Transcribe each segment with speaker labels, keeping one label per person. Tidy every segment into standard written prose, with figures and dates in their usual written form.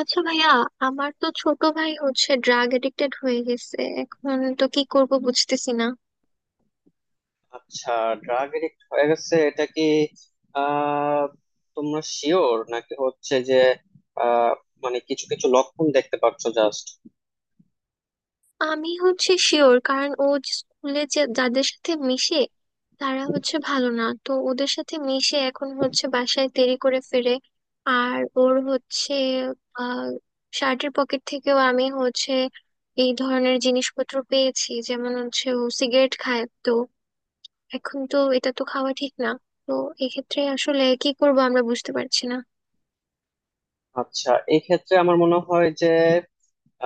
Speaker 1: আচ্ছা ভাইয়া, আমার তো ছোট ভাই ড্রাগ এডিক্টেড হয়ে গেছে এখন। তো কি করব বুঝতেছি না।
Speaker 2: আচ্ছা, ড্রাগ এডিক্ট হয়ে গেছে এটা কি? আহ তোমরা শিওর নাকি, হচ্ছে যে আহ মানে কিছু কিছু লক্ষণ দেখতে পাচ্ছ জাস্ট?
Speaker 1: আমি শিওর, কারণ ও যে স্কুলে যে যাদের সাথে মিশে, তারা ভালো না। তো ওদের সাথে মিশে এখন বাসায় দেরি করে ফিরে। আর ওর হচ্ছে আহ শার্টের পকেট থেকেও আমি এই ধরনের জিনিসপত্র পেয়েছি। যেমন ও সিগারেট খায়, তো এখন তো এটা তো খাওয়া ঠিক না। তো এক্ষেত্রে আসলে কি করব আমরা বুঝতে পারছি না।
Speaker 2: আচ্ছা, এই ক্ষেত্রে আমার মনে হয় যে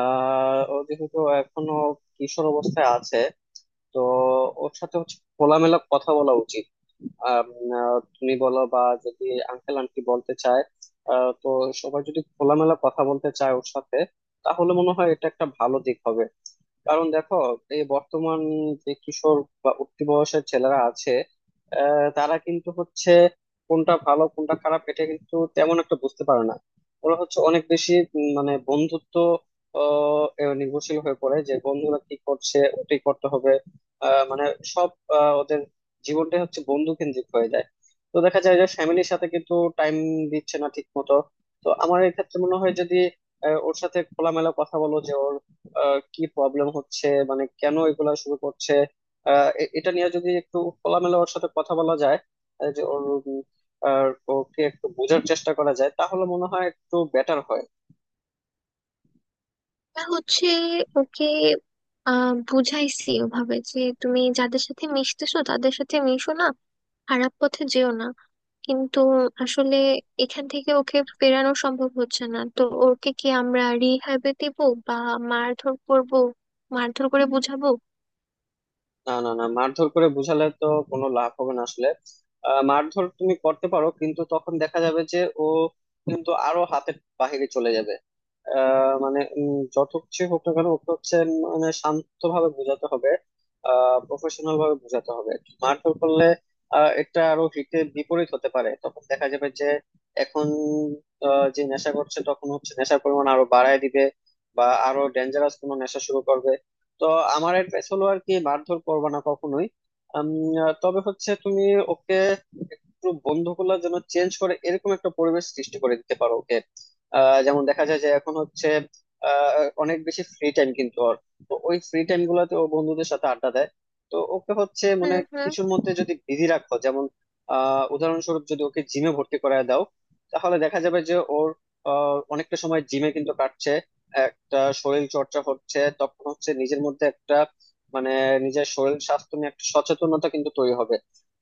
Speaker 2: ও যেহেতু এখনো কিশোর অবস্থায় আছে, তো ওর সাথে হচ্ছে খোলামেলা কথা বলা উচিত। আম, তুমি বলো, বা যদি আঙ্কেল আন্টি বলতে চায়, তো সবাই যদি খোলামেলা কথা বলতে চায় ওর সাথে, তাহলে মনে হয় এটা একটা ভালো দিক হবে। কারণ দেখো, এই বর্তমান যে কিশোর বা উঠতি বয়সের ছেলেরা আছে, তারা কিন্তু হচ্ছে কোনটা ভালো কোনটা খারাপ এটা কিন্তু তেমন একটা বুঝতে পারে না। ওরা হচ্ছে অনেক বেশি মানে বন্ধুত্ব, এ নির্ভরশীল হয়ে পড়ে যে বন্ধুরা কি করছে ওটাই করতে হবে। মানে সব ওদের জীবনটাই হচ্ছে বন্ধু কেন্দ্রিক হয়ে যায়। তো দেখা যায় যে ফ্যামিলির সাথে কিন্তু টাইম দিচ্ছে না ঠিক মতো। তো আমার এই ক্ষেত্রে মনে হয় যদি ওর সাথে খোলামেলা কথা বলো, যে ওর কি প্রবলেম হচ্ছে, মানে কেন এগুলা শুরু করছে। এটা নিয়ে যদি একটু খোলামেলা ওর সাথে কথা বলা যায়, যে ওর উম, আর ওকে একটু বোঝার চেষ্টা করা যায়, তাহলে মনে হয় একটু বেটার হয়।
Speaker 1: না ওকে বুঝাইছি ওভাবে যে তুমি যাদের সাথে মিশতেছো তাদের সাথে মিশো না, খারাপ পথে যেও না। কিন্তু আসলে এখান থেকে ওকে ফেরানো সম্ভব হচ্ছে না। তো ওকে কি আমরা রিহ্যাবে দেবো, বা মারধর করবো, মারধর করে বোঝাবো?
Speaker 2: না, না, না, মারধর করে বুঝালে তো কোনো লাভ হবে না আসলে। মারধর তুমি করতে পারো কিন্তু তখন দেখা যাবে যে ও কিন্তু আরো হাতের বাহিরে চলে যাবে। মানে যত কিছু হোক না কেন ওকে হচ্ছে মানে শান্তভাবে বোঝাতে হবে, প্রফেশনাল ভাবে বোঝাতে হবে। মারধর করলে এটা আরো হিতে বিপরীত হতে পারে, তখন দেখা যাবে যে এখন যে নেশা করছে তখন হচ্ছে নেশার পরিমাণ আরো বাড়ায় দিবে, বা আরো ডেঞ্জারাস কোনো নেশা শুরু করবে। তো আমার অ্যাডভাইস হলো আর কি মারধর করবে না কখনোই। আম, তবে হচ্ছে তুমি ওকে একটু বন্ধুগুলো যেন চেঞ্জ করে এরকম একটা পরিবেশ সৃষ্টি করে দিতে পারো ওকে। যেমন দেখা যায় যে এখন হচ্ছে অনেক বেশি ফ্রি টাইম কিন্তু ওর, তো ওই ফ্রি টাইম গুলাতে ও বন্ধুদের সাথে আড্ডা দেয়। তো ওকে হচ্ছে
Speaker 1: হুম
Speaker 2: মানে
Speaker 1: হুম
Speaker 2: কিছুর মধ্যে যদি বিজি রাখো, যেমন উদাহরণস্বরূপ যদি ওকে জিমে ভর্তি করায় দাও, তাহলে দেখা যাবে যে ওর অনেকটা সময় জিমে কিন্তু কাটছে, একটা শরীর চর্চা হচ্ছে, তখন হচ্ছে নিজের মধ্যে একটা মানে নিজের শরীর স্বাস্থ্য নিয়ে একটা সচেতনতা কিন্তু তৈরি হবে।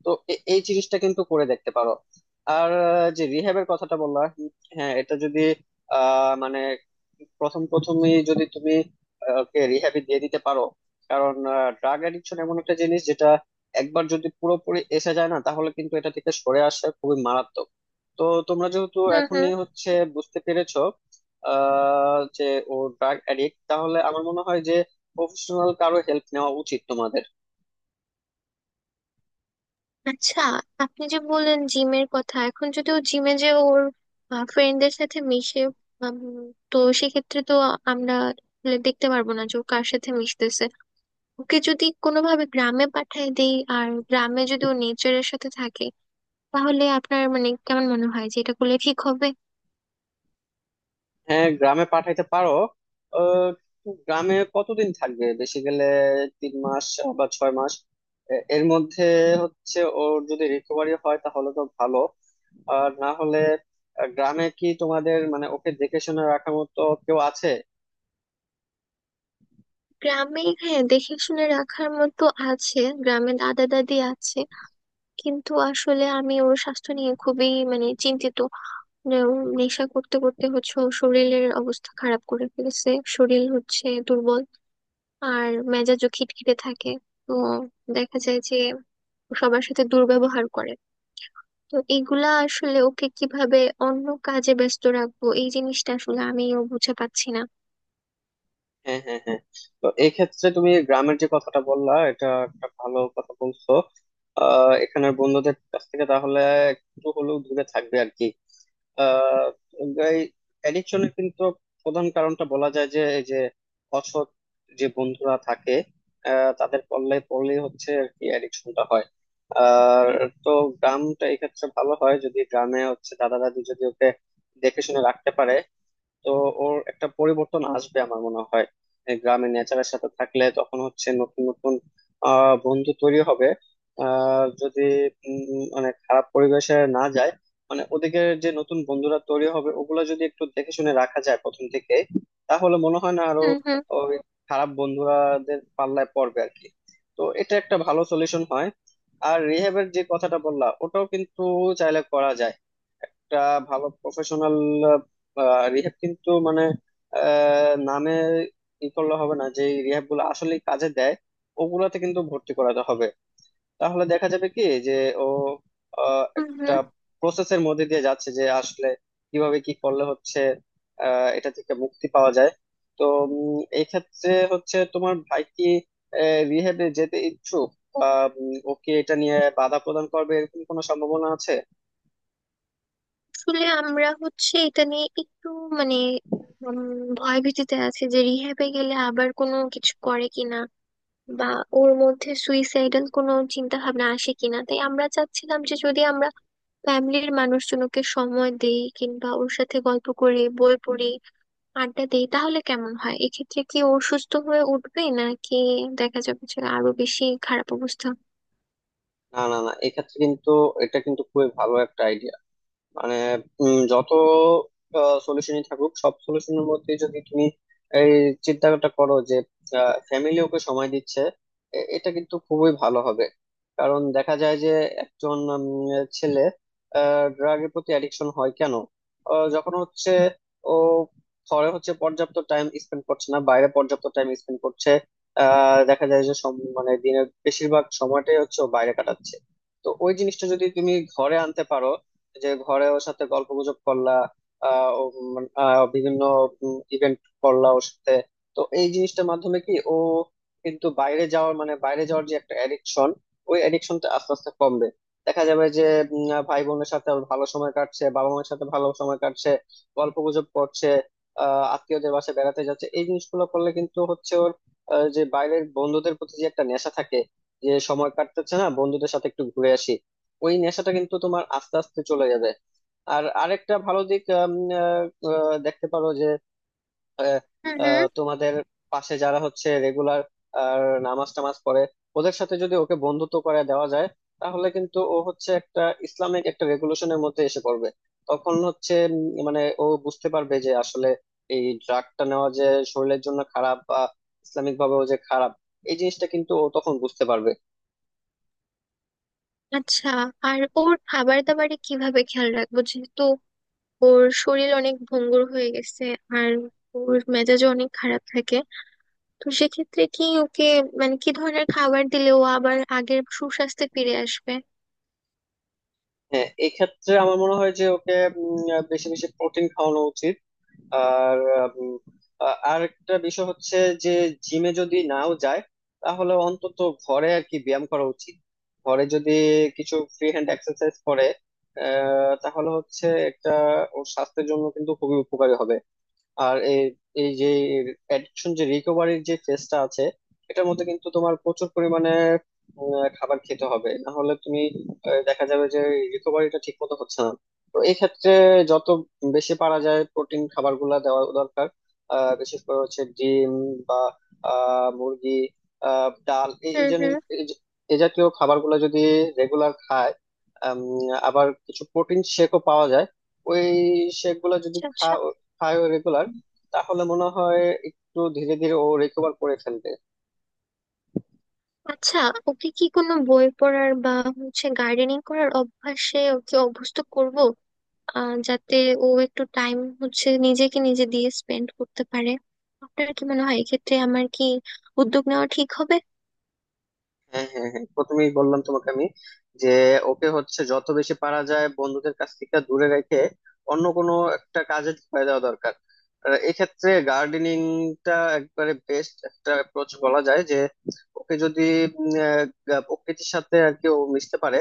Speaker 2: তো এই জিনিসটা কিন্তু করে দেখতে পারো। আর যে রিহ্যাবের কথাটা বললা, হ্যাঁ এটা যদি মানে প্রথম প্রথমে যদি তুমি ওকে রিহ্যাবে দিয়ে দিতে পারো। কারণ ড্রাগ অ্যাডিকশন এমন একটা জিনিস যেটা একবার যদি পুরোপুরি এসে যায় না, তাহলে কিন্তু এটা থেকে সরে আসা খুবই মারাত্মক। তো তোমরা যেহেতু
Speaker 1: হুম হুম.
Speaker 2: এখনই হচ্ছে বুঝতে পেরেছো যে ও ড্রাগ অ্যাডিক্ট, তাহলে আমার মনে হয় যে প্রফেশনাল কারো হেল্প নেওয়া উচিত তোমাদের।
Speaker 1: আচ্ছা, আপনি যে বললেন জিমের কথা, এখন যদি ও জিমে যে ওর ফ্রেন্ডদের সাথে মিশে, উম, তো সেক্ষেত্রে তো আমরা আসলে দেখতে পারবো না যে ও কার সাথে মিশতেছে। ওকে যদি কোনোভাবে গ্রামে পাঠিয়ে দেই আর গ্রামে যদি ও নেচারের সাথে থাকে, তাহলে আপনার মানে কেমন মনে হয় যে এটা করলে ঠিক হবে?
Speaker 2: হ্যাঁ, গ্রামে পাঠাইতে পারো। আহ, গ্রামে কতদিন থাকবে, বেশি গেলে 3 মাস বা 6 মাস, এর মধ্যে হচ্ছে ওর যদি রিকভারি হয় তাহলে তো ভালো। আর না হলে গ্রামে কি তোমাদের মানে ওকে দেখে শুনে রাখার মতো কেউ আছে?
Speaker 1: গ্রামে হ্যাঁ, দেখে শুনে রাখার মতো আছে। গ্রামে দাদা দাদি আছে। কিন্তু আসলে আমি ওর স্বাস্থ্য নিয়ে খুবই মানে চিন্তিত। যেমন নেশা করতে করতে ওর শরীরের অবস্থা খারাপ করে ফেলেছে। শরীর দুর্বল, আর মেজাজও খিটখিটে থাকে। তো দেখা যায় যে ও সবার সাথে দুর্ব্যবহার করে। তো এগুলা আসলে ওকে কিভাবে অন্য কাজে ব্যস্ত রাখবো এই জিনিসটা আসলে আমিও বুঝে পাচ্ছি না।
Speaker 2: হ্যাঁ, হ্যাঁ, হ্যাঁ, তো এই ক্ষেত্রে তুমি গ্রামের যে কথাটা বললা এটা একটা ভালো কথা বলছো। এখানের বন্ধুদের কাছ থেকে তাহলে একটু হলেও দূরে থাকবে আর কি। আহ এই অ্যাডিকশনের কিন্তু প্রধান কারণটা বলা যায় যে এই যে অসৎ যে বন্ধুরা থাকে, তাদের পল্লে পড়লেই হচ্ছে আর কি অ্যাডিকশনটা হয়। আর তো গ্রামটা এক্ষেত্রে ভালো হয় যদি গ্রামে হচ্ছে দাদা দাদি যদি ওকে দেখে শুনে রাখতে পারে। তো ওর একটা পরিবর্তন আসবে আমার মনে হয়। এই গ্রামে নেচারের সাথে থাকলে তখন হচ্ছে নতুন নতুন বন্ধু তৈরি হবে। যদি মানে খারাপ পরিবেশে না যায়, মানে ওদিকে যে নতুন বন্ধুরা তৈরি হবে ওগুলো যদি একটু দেখে শুনে রাখা যায় প্রথম থেকে, তাহলে মনে হয় না আরো
Speaker 1: হুম হুম
Speaker 2: ওই খারাপ বন্ধুরাদের পাল্লায় পড়বে আর কি। তো এটা একটা ভালো সলিউশন হয়। আর রিহেবের যে কথাটা বললা, ওটাও কিন্তু চাইলে করা যায়। একটা ভালো প্রফেশনাল রিহ্যাব, কিন্তু মানে নামে ই করলে হবে না, যে রিহ্যাব গুলো আসলে কাজে দেয় ওগুলাতে কিন্তু ভর্তি করাতে হবে। তাহলে দেখা যাবে কি যে ও
Speaker 1: হুম
Speaker 2: একটা
Speaker 1: হুম
Speaker 2: প্রসেসের মধ্যে দিয়ে যাচ্ছে, যে আসলে কিভাবে কি করলে হচ্ছে এটা থেকে মুক্তি পাওয়া যায়। তো এই ক্ষেত্রে হচ্ছে তোমার ভাই কি রিহ্যাবে যেতে ইচ্ছুক, বা ও কি এটা নিয়ে বাধা প্রদান করবে, এরকম কোনো সম্ভাবনা আছে?
Speaker 1: আসলে আমরা এটা নিয়ে একটু মানে উম, ভয় ভীতিতে আছে যে রিহ্যাবে গেলে আবার কোনো কিছু করে কিনা, বা ওর মধ্যে সুইসাইডাল কোনো চিন্তা ভাবনা আসে কিনা। তাই আমরা চাচ্ছিলাম যে যদি আমরা ফ্যামিলির মানুষজনকে সময় দেই কিংবা ওর সাথে গল্প করি, বই পড়ি, আড্ডা দেই, তাহলে কেমন হয়? এক্ষেত্রে কি ও সুস্থ হয়ে উঠবে, নাকি দেখা যাবে যে আরো বেশি খারাপ অবস্থা?
Speaker 2: না, না, না, এক্ষেত্রে কিন্তু এটা কিন্তু খুবই ভালো একটা মানে যত সলিউশনই থাকুক সব সলিউশনের মধ্যে যদি তুমি এই চিন্তাটা করো যে ফ্যামিলি ওকে সময় দিচ্ছে, এটা কিন্তু খুবই ভালো হবে। কারণ দেখা যায় যে একজন ছেলে ড্রাগের প্রতি অ্যাডিকশন হয় কেন? যখন হচ্ছে ও ঘরে হচ্ছে পর্যাপ্ত টাইম স্পেন্ড করছে না, বাইরে পর্যাপ্ত টাইম স্পেন্ড করছে। দেখা যায় যে মানে দিনের বেশিরভাগ সময়টাই হচ্ছে ও বাইরে কাটাচ্ছে। তো ওই জিনিসটা যদি তুমি ঘরে আনতে পারো, যে ঘরে ওর সাথে গল্প গুজব করলা, ও মানে, বিভিন্ন ইভেন্ট করলা ওর সাথে, তো এই জিনিসটার মাধ্যমে কি ও কিন্তু বাইরে যাওয়ার মানে বাইরে যাওয়ার যে একটা অ্যাডিকশন, ওই অ্যাডিকশনটা আস্তে আস্তে কমবে। দেখা যাবে যে ভাই বোনের সাথে ওর ভালো সময় কাটছে, বাবা মায়ের সাথে ভালো সময় কাটছে, গল্প গুজব করছে, আত্মীয়দের বাসায় বেড়াতে যাচ্ছে, এই জিনিসগুলো করলে কিন্তু হচ্ছে ওর যে বাইরের বন্ধুদের প্রতি যে একটা নেশা থাকে, যে সময় কাটতেছে না বন্ধুদের সাথে একটু ঘুরে আসি, ওই নেশাটা কিন্তু তোমার আস্তে আস্তে চলে যাবে। আর আরেকটা ভালো দিক আহ, দেখতে পারো যে আহ,
Speaker 1: হুম হুম।
Speaker 2: আহ, তোমাদের পাশে যারা হচ্ছে রেগুলার নামাজ টামাজ পড়ে, ওদের সাথে যদি ওকে বন্ধুত্ব করে দেওয়া যায়, তাহলে কিন্তু ও হচ্ছে একটা ইসলামিক একটা রেগুলেশনের মধ্যে এসে পড়বে। তখন হচ্ছে মানে ও বুঝতে পারবে যে আসলে এই ড্রাগটা নেওয়া যে শরীরের জন্য খারাপ, বা ইসলামিক ভাবেও যে খারাপ, এই জিনিসটা কিন্তু ও তখন বুঝতে পারবে।
Speaker 1: আচ্ছা, আর ওর খাবার দাবারে কিভাবে খেয়াল রাখবো? যেহেতু ওর শরীর অনেক ভঙ্গুর হয়ে গেছে, আর ওর মেজাজও অনেক খারাপ থাকে, তো সেক্ষেত্রে কি ওকে মানে কি ধরনের খাবার দিলে ও আবার আগের সুস্বাস্থ্যে ফিরে আসবে?
Speaker 2: হ্যাঁ, এক্ষেত্রে আমার মনে হয় যে ওকে বেশি বেশি প্রোটিন খাওয়ানো উচিত। আর উম, আর একটা বিষয় হচ্ছে যে জিমে যদি নাও যায় তাহলে অন্তত ঘরে আর কি ব্যায়াম করা উচিত। ঘরে যদি কিছু ফ্রি হ্যান্ড এক্সারসাইজ করে, তাহলে হচ্ছে একটা ওর স্বাস্থ্যের জন্য কিন্তু খুবই উপকারী হবে। আর এই এই যে অ্যাডিকশন যে রিকভারির যে ফেজটা আছে, এটার মধ্যে কিন্তু তোমার প্রচুর পরিমাণে খাবার খেতে হবে, না হলে তুমি দেখা যাবে যে রিকভারিটা ঠিক মতো হচ্ছে না। তো এই ক্ষেত্রে যত বেশি পারা যায় প্রোটিন খাবারগুলা দেওয়া দরকার। বিশেষ করে হচ্ছে ডিম বা মুরগি, ডাল, এই এই
Speaker 1: হুম হুম।
Speaker 2: এই জাতীয় খাবারগুলো যদি রেগুলার খায়। আম, আবার কিছু প্রোটিন শেকও পাওয়া যায়, ওই শেক গুলা যদি
Speaker 1: আচ্ছা আচ্ছা
Speaker 2: খায় রেগুলার, তাহলে মনে হয় একটু ধীরে ধীরে ও রিকভার করে ফেলবে।
Speaker 1: আচ্ছা ওকে কি কোনো বই পড়ার বা গার্ডেনিং করার অভ্যাসে ওকে অভ্যস্ত করব, যাতে ও একটু টাইম নিজেকে নিজে দিয়ে স্পেন্ড করতে পারে? আপনার কি মনে হয় এক্ষেত্রে আমার কি উদ্যোগ নেওয়া ঠিক হবে?
Speaker 2: হ্যাঁ, হ্যাঁ, হ্যাঁ, প্রথমেই বললাম তোমাকে আমি যে ওকে হচ্ছে যত বেশি পারা যায় বন্ধুদের কাছ থেকে দূরে রেখে অন্য কোনো একটা কাজে ঢুকিয়ে দেওয়া দরকার। আর এক্ষেত্রে গার্ডেনিংটা একবারে বেস্ট একটা অ্যাপ্রোচ বলা যায়। যে ওকে যদি উম, প্রকৃতির সাথে আর কি ও মিশতে পারে,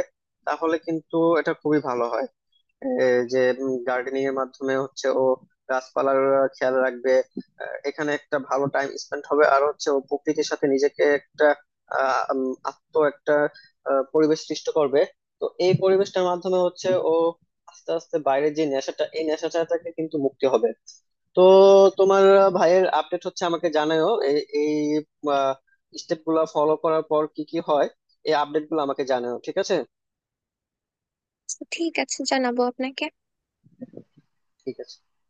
Speaker 2: তাহলে কিন্তু এটা খুবই ভালো হয়। এই যে গার্ডেনিং এর মাধ্যমে হচ্ছে ও গাছপালার খেয়াল রাখবে, এখানে একটা ভালো টাইম স্পেন্ড হবে, আর হচ্ছে ও প্রকৃতির সাথে নিজেকে একটা আত্ম একটা পরিবেশ সৃষ্টি করবে। তো এই পরিবেশটার মাধ্যমে হচ্ছে ও আস্তে আস্তে বাইরের যে নেশাটা এই নেশাটা থেকে কিন্তু মুক্তি হবে। তো তোমার ভাইয়ের আপডেট হচ্ছে আমাকে জানাও, এই এই স্টেপ গুলা ফলো করার পর কি কি হয়, এই আপডেট গুলো আমাকে জানাও, ঠিক আছে?
Speaker 1: আচ্ছা, ঠিক আছে, জানাবো আপনাকে।
Speaker 2: ঠিক আছে।